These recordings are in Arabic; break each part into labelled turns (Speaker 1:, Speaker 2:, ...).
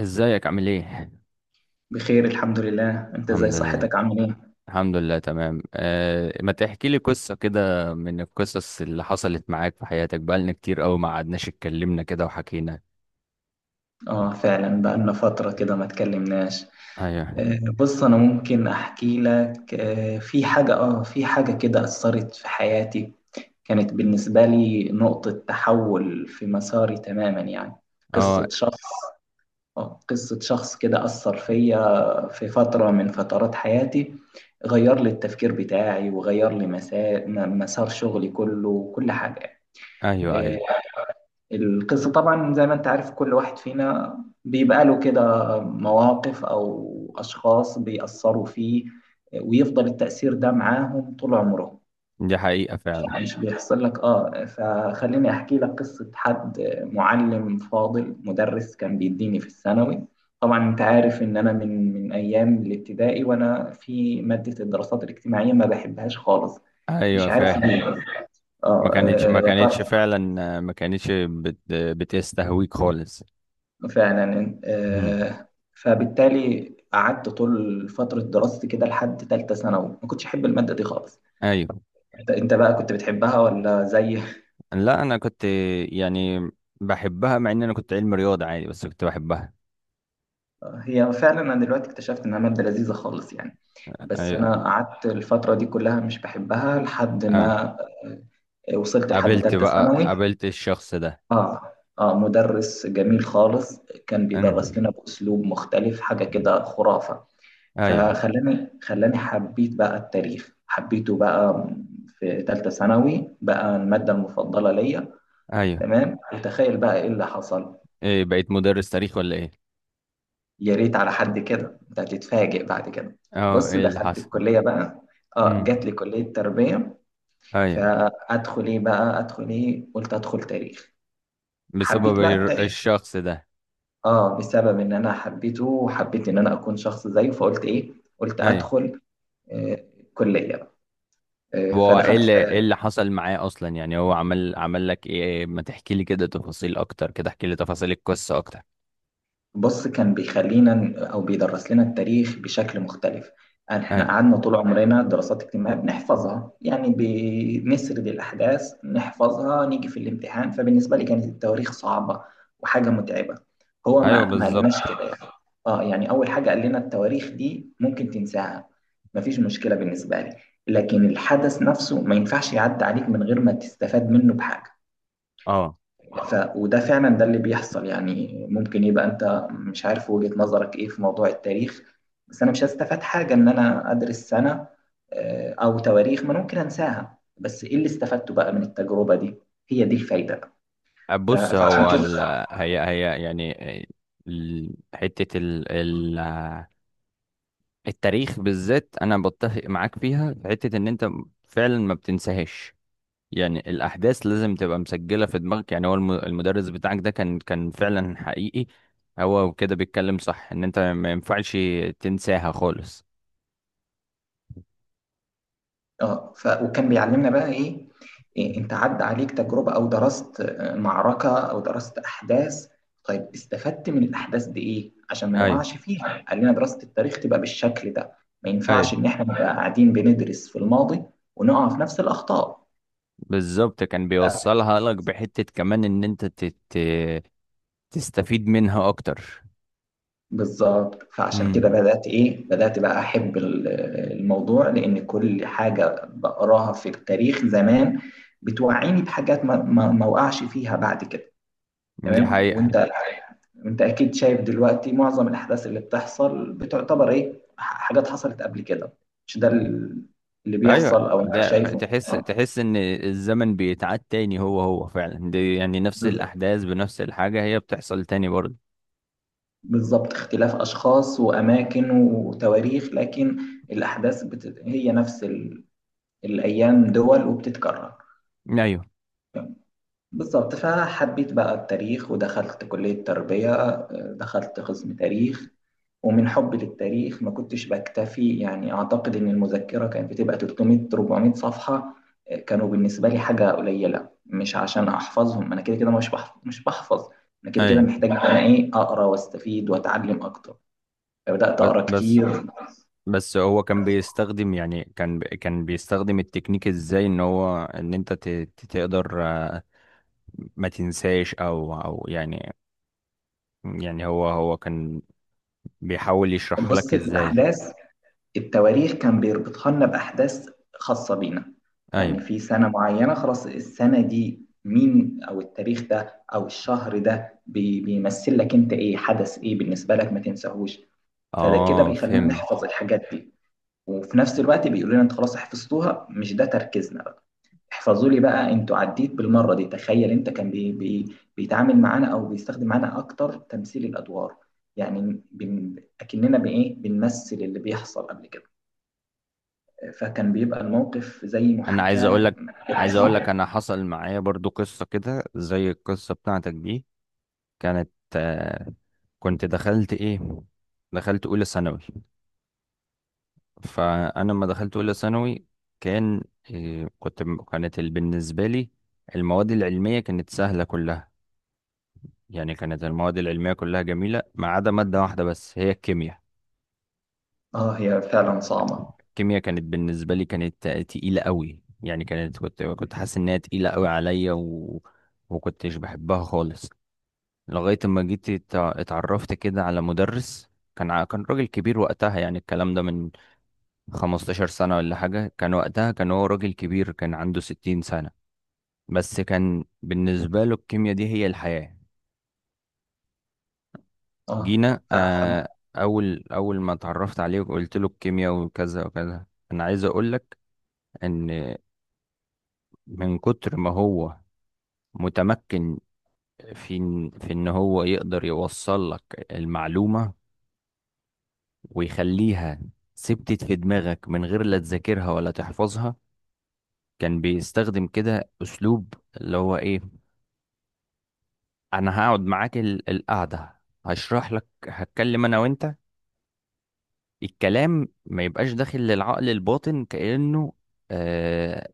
Speaker 1: ازيك عامل ايه؟
Speaker 2: بخير، الحمد لله. انت ازاي؟
Speaker 1: الحمد لله.
Speaker 2: صحتك؟ عامل ايه؟
Speaker 1: الحمد لله، تمام. ما تحكي لي قصة كده من القصص اللي حصلت معاك في حياتك؟ بقالنا كتير قوي ما قعدناش اتكلمنا كده وحكينا.
Speaker 2: اه فعلا بقالنا فترة كده ما اتكلمناش.
Speaker 1: ايوه.
Speaker 2: بص انا ممكن احكي لك، في حاجة كده اثرت في حياتي. كانت بالنسبة لي نقطة تحول في مساري تماما يعني.
Speaker 1: اه.
Speaker 2: قصة شخص قصة شخص كده اثر فيا في فترة من فترات حياتي. غير لي التفكير بتاعي، وغير لي مسار شغلي كله وكل حاجة.
Speaker 1: ايوه،
Speaker 2: آه،
Speaker 1: ايوه.
Speaker 2: القصة طبعا زي ما انت عارف، كل واحد فينا بيبقى له كده مواقف أو أشخاص بيأثروا فيه، ويفضل التأثير ده معاهم طول عمره.
Speaker 1: دي حقيقة فعلا.
Speaker 2: يعني مش بيحصل لك؟ اه فخليني أحكي لك قصة حد، معلم فاضل، مدرس كان بيديني في الثانوي. طبعا انت عارف ان انا من ايام الابتدائي وانا في مادة الدراسات الاجتماعية ما بحبهاش خالص. مش
Speaker 1: ايوه،
Speaker 2: عارف
Speaker 1: فاهم.
Speaker 2: ليه.
Speaker 1: ما كانتش ما
Speaker 2: يا ترى؟
Speaker 1: كانتش فعلا، ما كانتش بتستهويك خالص.
Speaker 2: فعلا.
Speaker 1: مم.
Speaker 2: فبالتالي قعدت طول فترة دراستي كده لحد تالتة ثانوي ما كنتش أحب المادة دي خالص.
Speaker 1: ايوه.
Speaker 2: أنت بقى كنت بتحبها ولا زي؟
Speaker 1: لا، انا كنت، يعني بحبها، مع ان انا كنت علم رياضة عادي، بس كنت بحبها.
Speaker 2: هي فعلا، أنا دلوقتي اكتشفت إنها مادة لذيذة خالص يعني، بس
Speaker 1: ايوه.
Speaker 2: أنا قعدت الفترة دي كلها مش بحبها لحد
Speaker 1: اه.
Speaker 2: ما وصلت لحد
Speaker 1: قابلت
Speaker 2: تالتة
Speaker 1: بقى
Speaker 2: ثانوي.
Speaker 1: قابلت الشخص ده.
Speaker 2: آه مدرس جميل خالص، كان
Speaker 1: أمم.
Speaker 2: بيدرس لنا بأسلوب مختلف، حاجة كده خرافة.
Speaker 1: ايوه،
Speaker 2: فخلاني حبيت بقى التاريخ، حبيته بقى في ثالثة ثانوي بقى المادة المفضلة ليا.
Speaker 1: ايوه.
Speaker 2: تمام، وتخيل بقى ايه اللي حصل.
Speaker 1: ايه، بقيت مدرس تاريخ ولا ايه؟
Speaker 2: يا ريت على حد كده، انت هتتفاجئ بعد كده.
Speaker 1: اه،
Speaker 2: بص،
Speaker 1: ايه اللي
Speaker 2: دخلت
Speaker 1: حصل؟
Speaker 2: الكلية بقى، اه جات
Speaker 1: امم.
Speaker 2: لي كلية تربية.
Speaker 1: ايوه.
Speaker 2: فادخل ايه بقى؟ ادخل ايه؟ قلت ادخل تاريخ.
Speaker 1: بسبب
Speaker 2: حبيت بقى التاريخ،
Speaker 1: الشخص ده.
Speaker 2: اه بسبب ان انا حبيته وحبيت ان انا اكون شخص زيه، فقلت ايه؟ قلت
Speaker 1: ايوه.
Speaker 2: ادخل آه، كلية بقى.
Speaker 1: هو ايه
Speaker 2: فدخلت.
Speaker 1: اللي حصل معاه اصلا، يعني هو عمل لك ايه؟ ما تحكي لي كده تفاصيل اكتر، كده احكي لي تفاصيل القصة اكتر.
Speaker 2: بص، كان بيخلينا او بيدرس لنا التاريخ بشكل مختلف. يعني
Speaker 1: ايوه،
Speaker 2: احنا قعدنا طول عمرنا دراسات اجتماعيه بنحفظها يعني، بنسرد الاحداث، نحفظها، نيجي في الامتحان. فبالنسبه لي كانت التواريخ صعبه وحاجه متعبه. هو
Speaker 1: ايوه،
Speaker 2: ما قالناش
Speaker 1: بالظبط.
Speaker 2: كده يعني. اه يعني اول حاجه قال لنا التواريخ دي ممكن تنساها، مفيش مشكله بالنسبه لي. لكن الحدث نفسه ما ينفعش يعدي عليك من غير ما تستفاد منه بحاجه.
Speaker 1: اه.
Speaker 2: وده فعلا ده اللي بيحصل. يعني ممكن يبقى انت مش عارف وجهة نظرك ايه في موضوع التاريخ، بس انا مش هستفاد حاجة ان انا ادرس سنة او تواريخ ما أنا ممكن انساها، بس ايه اللي استفدته بقى من التجربة دي؟ هي دي الفايدة.
Speaker 1: بص
Speaker 2: فعشان
Speaker 1: هو
Speaker 2: كده
Speaker 1: ال... هي يعني حتة التاريخ بالذات، انا بتفق معاك فيها في حتة ان انت فعلا ما بتنساهاش. يعني الأحداث لازم تبقى مسجلة في دماغك، يعني هو المدرس بتاعك ده كان فعلا حقيقي. هو كده بيتكلم صح، إن أنت ما ينفعش تنساها خالص.
Speaker 2: وكان بيعلمنا بقى ايه. انت عدى عليك تجربة او درست معركة او درست احداث، طيب استفدت من الاحداث دي ايه عشان ما
Speaker 1: أيوه.
Speaker 2: نقعش فيها؟ قال لنا دراسة التاريخ تبقى بالشكل ده، ما ينفعش
Speaker 1: أيوه،
Speaker 2: ان احنا نبقى قاعدين بندرس في الماضي ونقع في نفس الاخطاء.
Speaker 1: بالظبط، كان
Speaker 2: ف-
Speaker 1: بيوصلها لك بحتة كمان إن أنت تستفيد منها أكتر.
Speaker 2: بالظبط، فعشان كده
Speaker 1: امم.
Speaker 2: بدأت بقى أحب الموضوع، لأن كل حاجة بقراها في التاريخ زمان بتوعيني بحاجات ما وقعش فيها بعد كده.
Speaker 1: دي
Speaker 2: تمام،
Speaker 1: حقيقة.
Speaker 2: وانت اكيد شايف دلوقتي معظم الاحداث اللي بتحصل بتعتبر حاجات حصلت قبل كده. مش ده اللي
Speaker 1: أيوه،
Speaker 2: بيحصل او انت
Speaker 1: ده
Speaker 2: شايفه؟
Speaker 1: تحس تحس إن الزمن بيتعاد تاني، هو فعلا دي، يعني نفس
Speaker 2: بز-
Speaker 1: الأحداث بنفس الحاجة هي بتحصل تاني برضه.
Speaker 2: بالظبط، اختلاف اشخاص واماكن وتواريخ، لكن الاحداث هي نفس الايام دول، وبتتكرر.
Speaker 1: أيوه.
Speaker 2: بالظبط، فحبيت بقى التاريخ ودخلت كلية تربية، دخلت قسم تاريخ. ومن حبي للتاريخ ما كنتش بكتفي. يعني أعتقد إن المذكرة كانت بتبقى 300 400 صفحة، كانوا بالنسبة لي حاجة قليلة، مش عشان أحفظهم. أنا كده كده مش بحفظ مش بحفظ، أنا كده كده
Speaker 1: أيوه،
Speaker 2: محتاج إن أنا أقرأ وأستفيد وأتعلم أكتر. فبدأت أقرأ
Speaker 1: بس.
Speaker 2: كتير.
Speaker 1: بس هو كان بيستخدم، يعني كان كان بيستخدم التكنيك، ازاي ان هو ان انت تقدر، ما تنساش، او يعني، يعني هو كان بيحاول يشرحها
Speaker 2: بص،
Speaker 1: لك ازاي.
Speaker 2: الأحداث، التواريخ كان بيربطها لنا بأحداث خاصة بينا.
Speaker 1: ايوه.
Speaker 2: يعني في سنة معينة خلاص، السنة دي مين أو التاريخ ده أو الشهر ده بيمثل لك أنت إيه، حدث إيه بالنسبة لك ما تنساهوش. فده كده
Speaker 1: اه،
Speaker 2: بيخلينا
Speaker 1: فهمت.
Speaker 2: نحفظ الحاجات دي، وفي نفس الوقت بيقولوا لنا أنت خلاص حفظتوها، مش ده تركيزنا بقى. احفظوا لي بقى أنتوا عديت بالمرة دي. تخيل أنت، كان بي بي بيتعامل معانا أو بيستخدم معانا أكتر تمثيل الأدوار. يعني أكننا بنمثل اللي بيحصل قبل كده، فكان بيبقى الموقف زي
Speaker 1: انا عايز اقول
Speaker 2: محاكاة.
Speaker 1: لك عايز اقول لك انا حصل معايا برضو قصة كده زي القصة بتاعتك دي. كانت، كنت دخلت ايه؟ دخلت اولى ثانوي. فانا لما دخلت اولى ثانوي كان، كنت، كانت بالنسبه لي المواد العلميه كانت سهله كلها. يعني كانت المواد العلميه كلها جميله ما عدا ماده واحده بس، هي الكيمياء.
Speaker 2: اه، هي فعلا صعبة.
Speaker 1: الكيمياء كانت بالنسبه لي كانت، تقيله قوي. يعني كانت كنت حاسس انها تقيله قوي عليا وكنتش بحبها خالص. لغايه ما جيت اتعرفت كده على مدرس، كان راجل كبير وقتها. يعني الكلام ده من 15 سنة ولا حاجة، كان وقتها كان هو راجل كبير، كان عنده 60 سنة. بس كان بالنسبة له الكيمياء دي هي الحياة.
Speaker 2: اه،
Speaker 1: جينا،
Speaker 2: فحب.
Speaker 1: أول أول ما اتعرفت عليه وقلت له الكيمياء وكذا وكذا. أنا عايز أقولك إن من كتر ما هو متمكن، في إن هو يقدر يوصل لك المعلومة ويخليها ثبتت في دماغك من غير لا تذاكرها ولا تحفظها. كان بيستخدم كده أسلوب، اللي هو إيه، أنا هقعد معاك القعدة، هشرح لك، هتكلم أنا وأنت، الكلام ما يبقاش داخل للعقل الباطن كأنه، آه،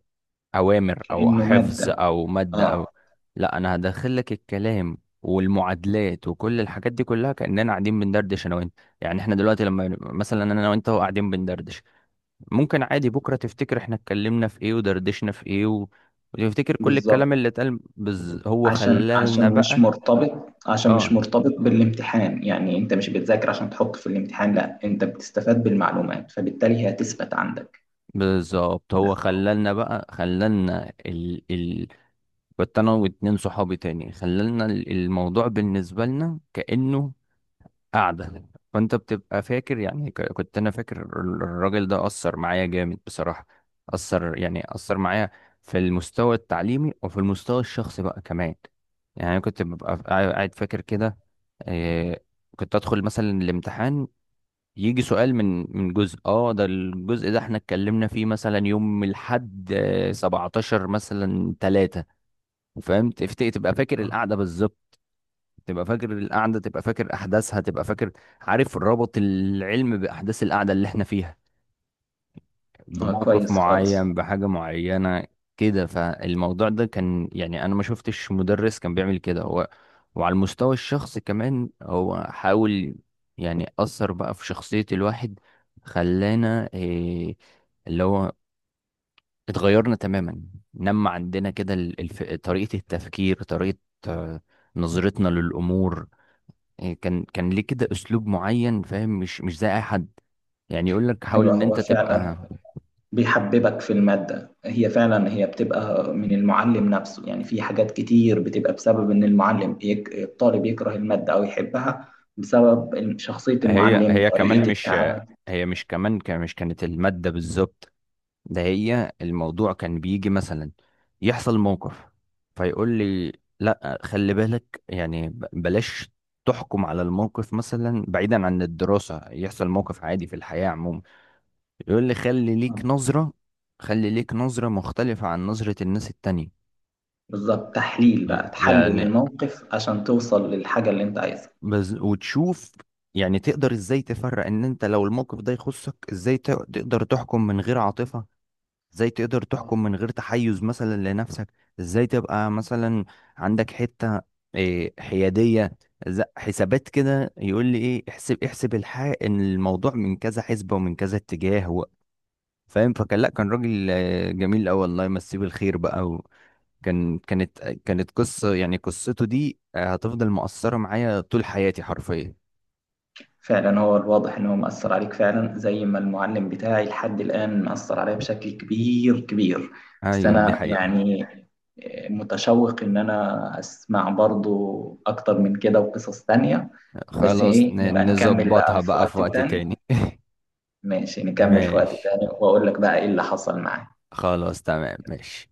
Speaker 1: أوامر أو
Speaker 2: كأنه
Speaker 1: حفظ
Speaker 2: مادة.
Speaker 1: أو مادة
Speaker 2: اه،
Speaker 1: أو... لا، أنا هدخل لك الكلام والمعادلات وكل الحاجات دي كلها كأننا قاعدين بندردش أنا وأنت. يعني إحنا دلوقتي لما مثلا أنا وأنت قاعدين بندردش، ممكن عادي بكرة تفتكر إحنا اتكلمنا في إيه ودردشنا في إيه وتفتكر كل
Speaker 2: بالظبط.
Speaker 1: الكلام اللي اتقال، هو
Speaker 2: عشان
Speaker 1: خلالنا
Speaker 2: عشان مش
Speaker 1: بقى.
Speaker 2: مرتبط عشان مش
Speaker 1: آه،
Speaker 2: مرتبط بالامتحان، يعني انت مش بتذاكر عشان تحط في الامتحان، لا انت بتستفاد بالمعلومات، فبالتالي هي هتثبت عندك.
Speaker 1: بالظبط، هو خلالنا بقى، خلالنا كنت انا واتنين صحابي تاني، خلالنا الموضوع بالنسبة لنا كأنه قعدة. فانت بتبقى فاكر، يعني كنت انا فاكر، الراجل ده أثر معايا جامد بصراحة. أثر، يعني أثر معايا في المستوى التعليمي وفي المستوى الشخصي بقى كمان. يعني أنا كنت ببقى قاعد فاكر كده، آه، كنت ادخل مثلا الامتحان، يجي سؤال من جزء، ده الجزء ده احنا اتكلمنا فيه مثلا يوم الحد، 17 مثلا تلاتة، فاهم؟ تفتكر تبقى فاكر
Speaker 2: اه،
Speaker 1: القعده بالظبط. تبقى فاكر القعده، تبقى فاكر احداثها، تبقى فاكر، عارف، ربط العلم باحداث القعده اللي احنا فيها، بموقف
Speaker 2: كويس خالص.
Speaker 1: معين بحاجه معينه كده. فالموضوع ده كان، يعني انا ما شفتش مدرس كان بيعمل كده. هو وعلى المستوى الشخصي كمان هو حاول، يعني اثر بقى في شخصيه الواحد، خلانا إيه، اللي هو اتغيرنا تماما. نما عندنا كده طريقة التفكير، طريقة، آه، نظرتنا للأمور. كان ليه كده أسلوب معين، فاهم، مش زي أي حد. يعني يقول لك حاول
Speaker 2: ايوه،
Speaker 1: إن
Speaker 2: هو
Speaker 1: أنت
Speaker 2: فعلا
Speaker 1: تبقى...
Speaker 2: بيحببك في المادة، هي فعلا هي بتبقى من المعلم نفسه. يعني في حاجات كتير بتبقى بسبب إن المعلم الطالب يكره المادة أو يحبها، بسبب شخصية
Speaker 1: هي
Speaker 2: المعلم،
Speaker 1: هي كمان
Speaker 2: طريقة الحياة،
Speaker 1: مش،
Speaker 2: التعامل.
Speaker 1: هي مش كمان مش كانت المادة بالظبط. ده هي الموضوع كان بيجي مثلا يحصل موقف، فيقول لي، لا، خلي بالك، يعني بلاش تحكم على الموقف، مثلا بعيدا عن الدراسة يحصل موقف عادي في الحياة عموما، يقول لي خلي ليك نظرة، خلي ليك نظرة مختلفة عن نظرة الناس التانية.
Speaker 2: بالظبط، تحليل بقى، تحلل
Speaker 1: يعني
Speaker 2: الموقف عشان توصل للحاجة اللي أنت عايزها.
Speaker 1: وتشوف، يعني تقدر ازاي تفرق ان انت لو الموقف ده يخصك، ازاي تقدر تحكم من غير عاطفة، ازاي تقدر تحكم من غير تحيز مثلا لنفسك، ازاي تبقى مثلا عندك حتة، حيادية، حسابات كده. يقول لي احسب، احسب الحق ان الموضوع من كذا حسبة ومن كذا اتجاه فاهم؟ فكان، لا، كان راجل، جميل قوي، الله يمسيه بالخير بقى. كانت قصة، يعني قصته دي، هتفضل مؤثرة معايا طول حياتي حرفيا.
Speaker 2: فعلا، هو الواضح إن هو مأثر عليك فعلا، زي ما المعلم بتاعي لحد الآن مأثر عليا بشكل كبير كبير. بس
Speaker 1: ايوه، دي
Speaker 2: أنا
Speaker 1: حقيقة.
Speaker 2: يعني متشوق إن أنا أسمع برضو أكتر من كده وقصص تانية. بس
Speaker 1: خلاص،
Speaker 2: إيه، يبقى نكمل
Speaker 1: نظبطها
Speaker 2: بقى في
Speaker 1: بقى في
Speaker 2: وقت
Speaker 1: وقت
Speaker 2: تاني.
Speaker 1: تاني.
Speaker 2: ماشي، نكمل في وقت
Speaker 1: ماشي،
Speaker 2: تاني وأقول لك بقى إيه اللي حصل معايا.
Speaker 1: خلاص، تمام، ماشي.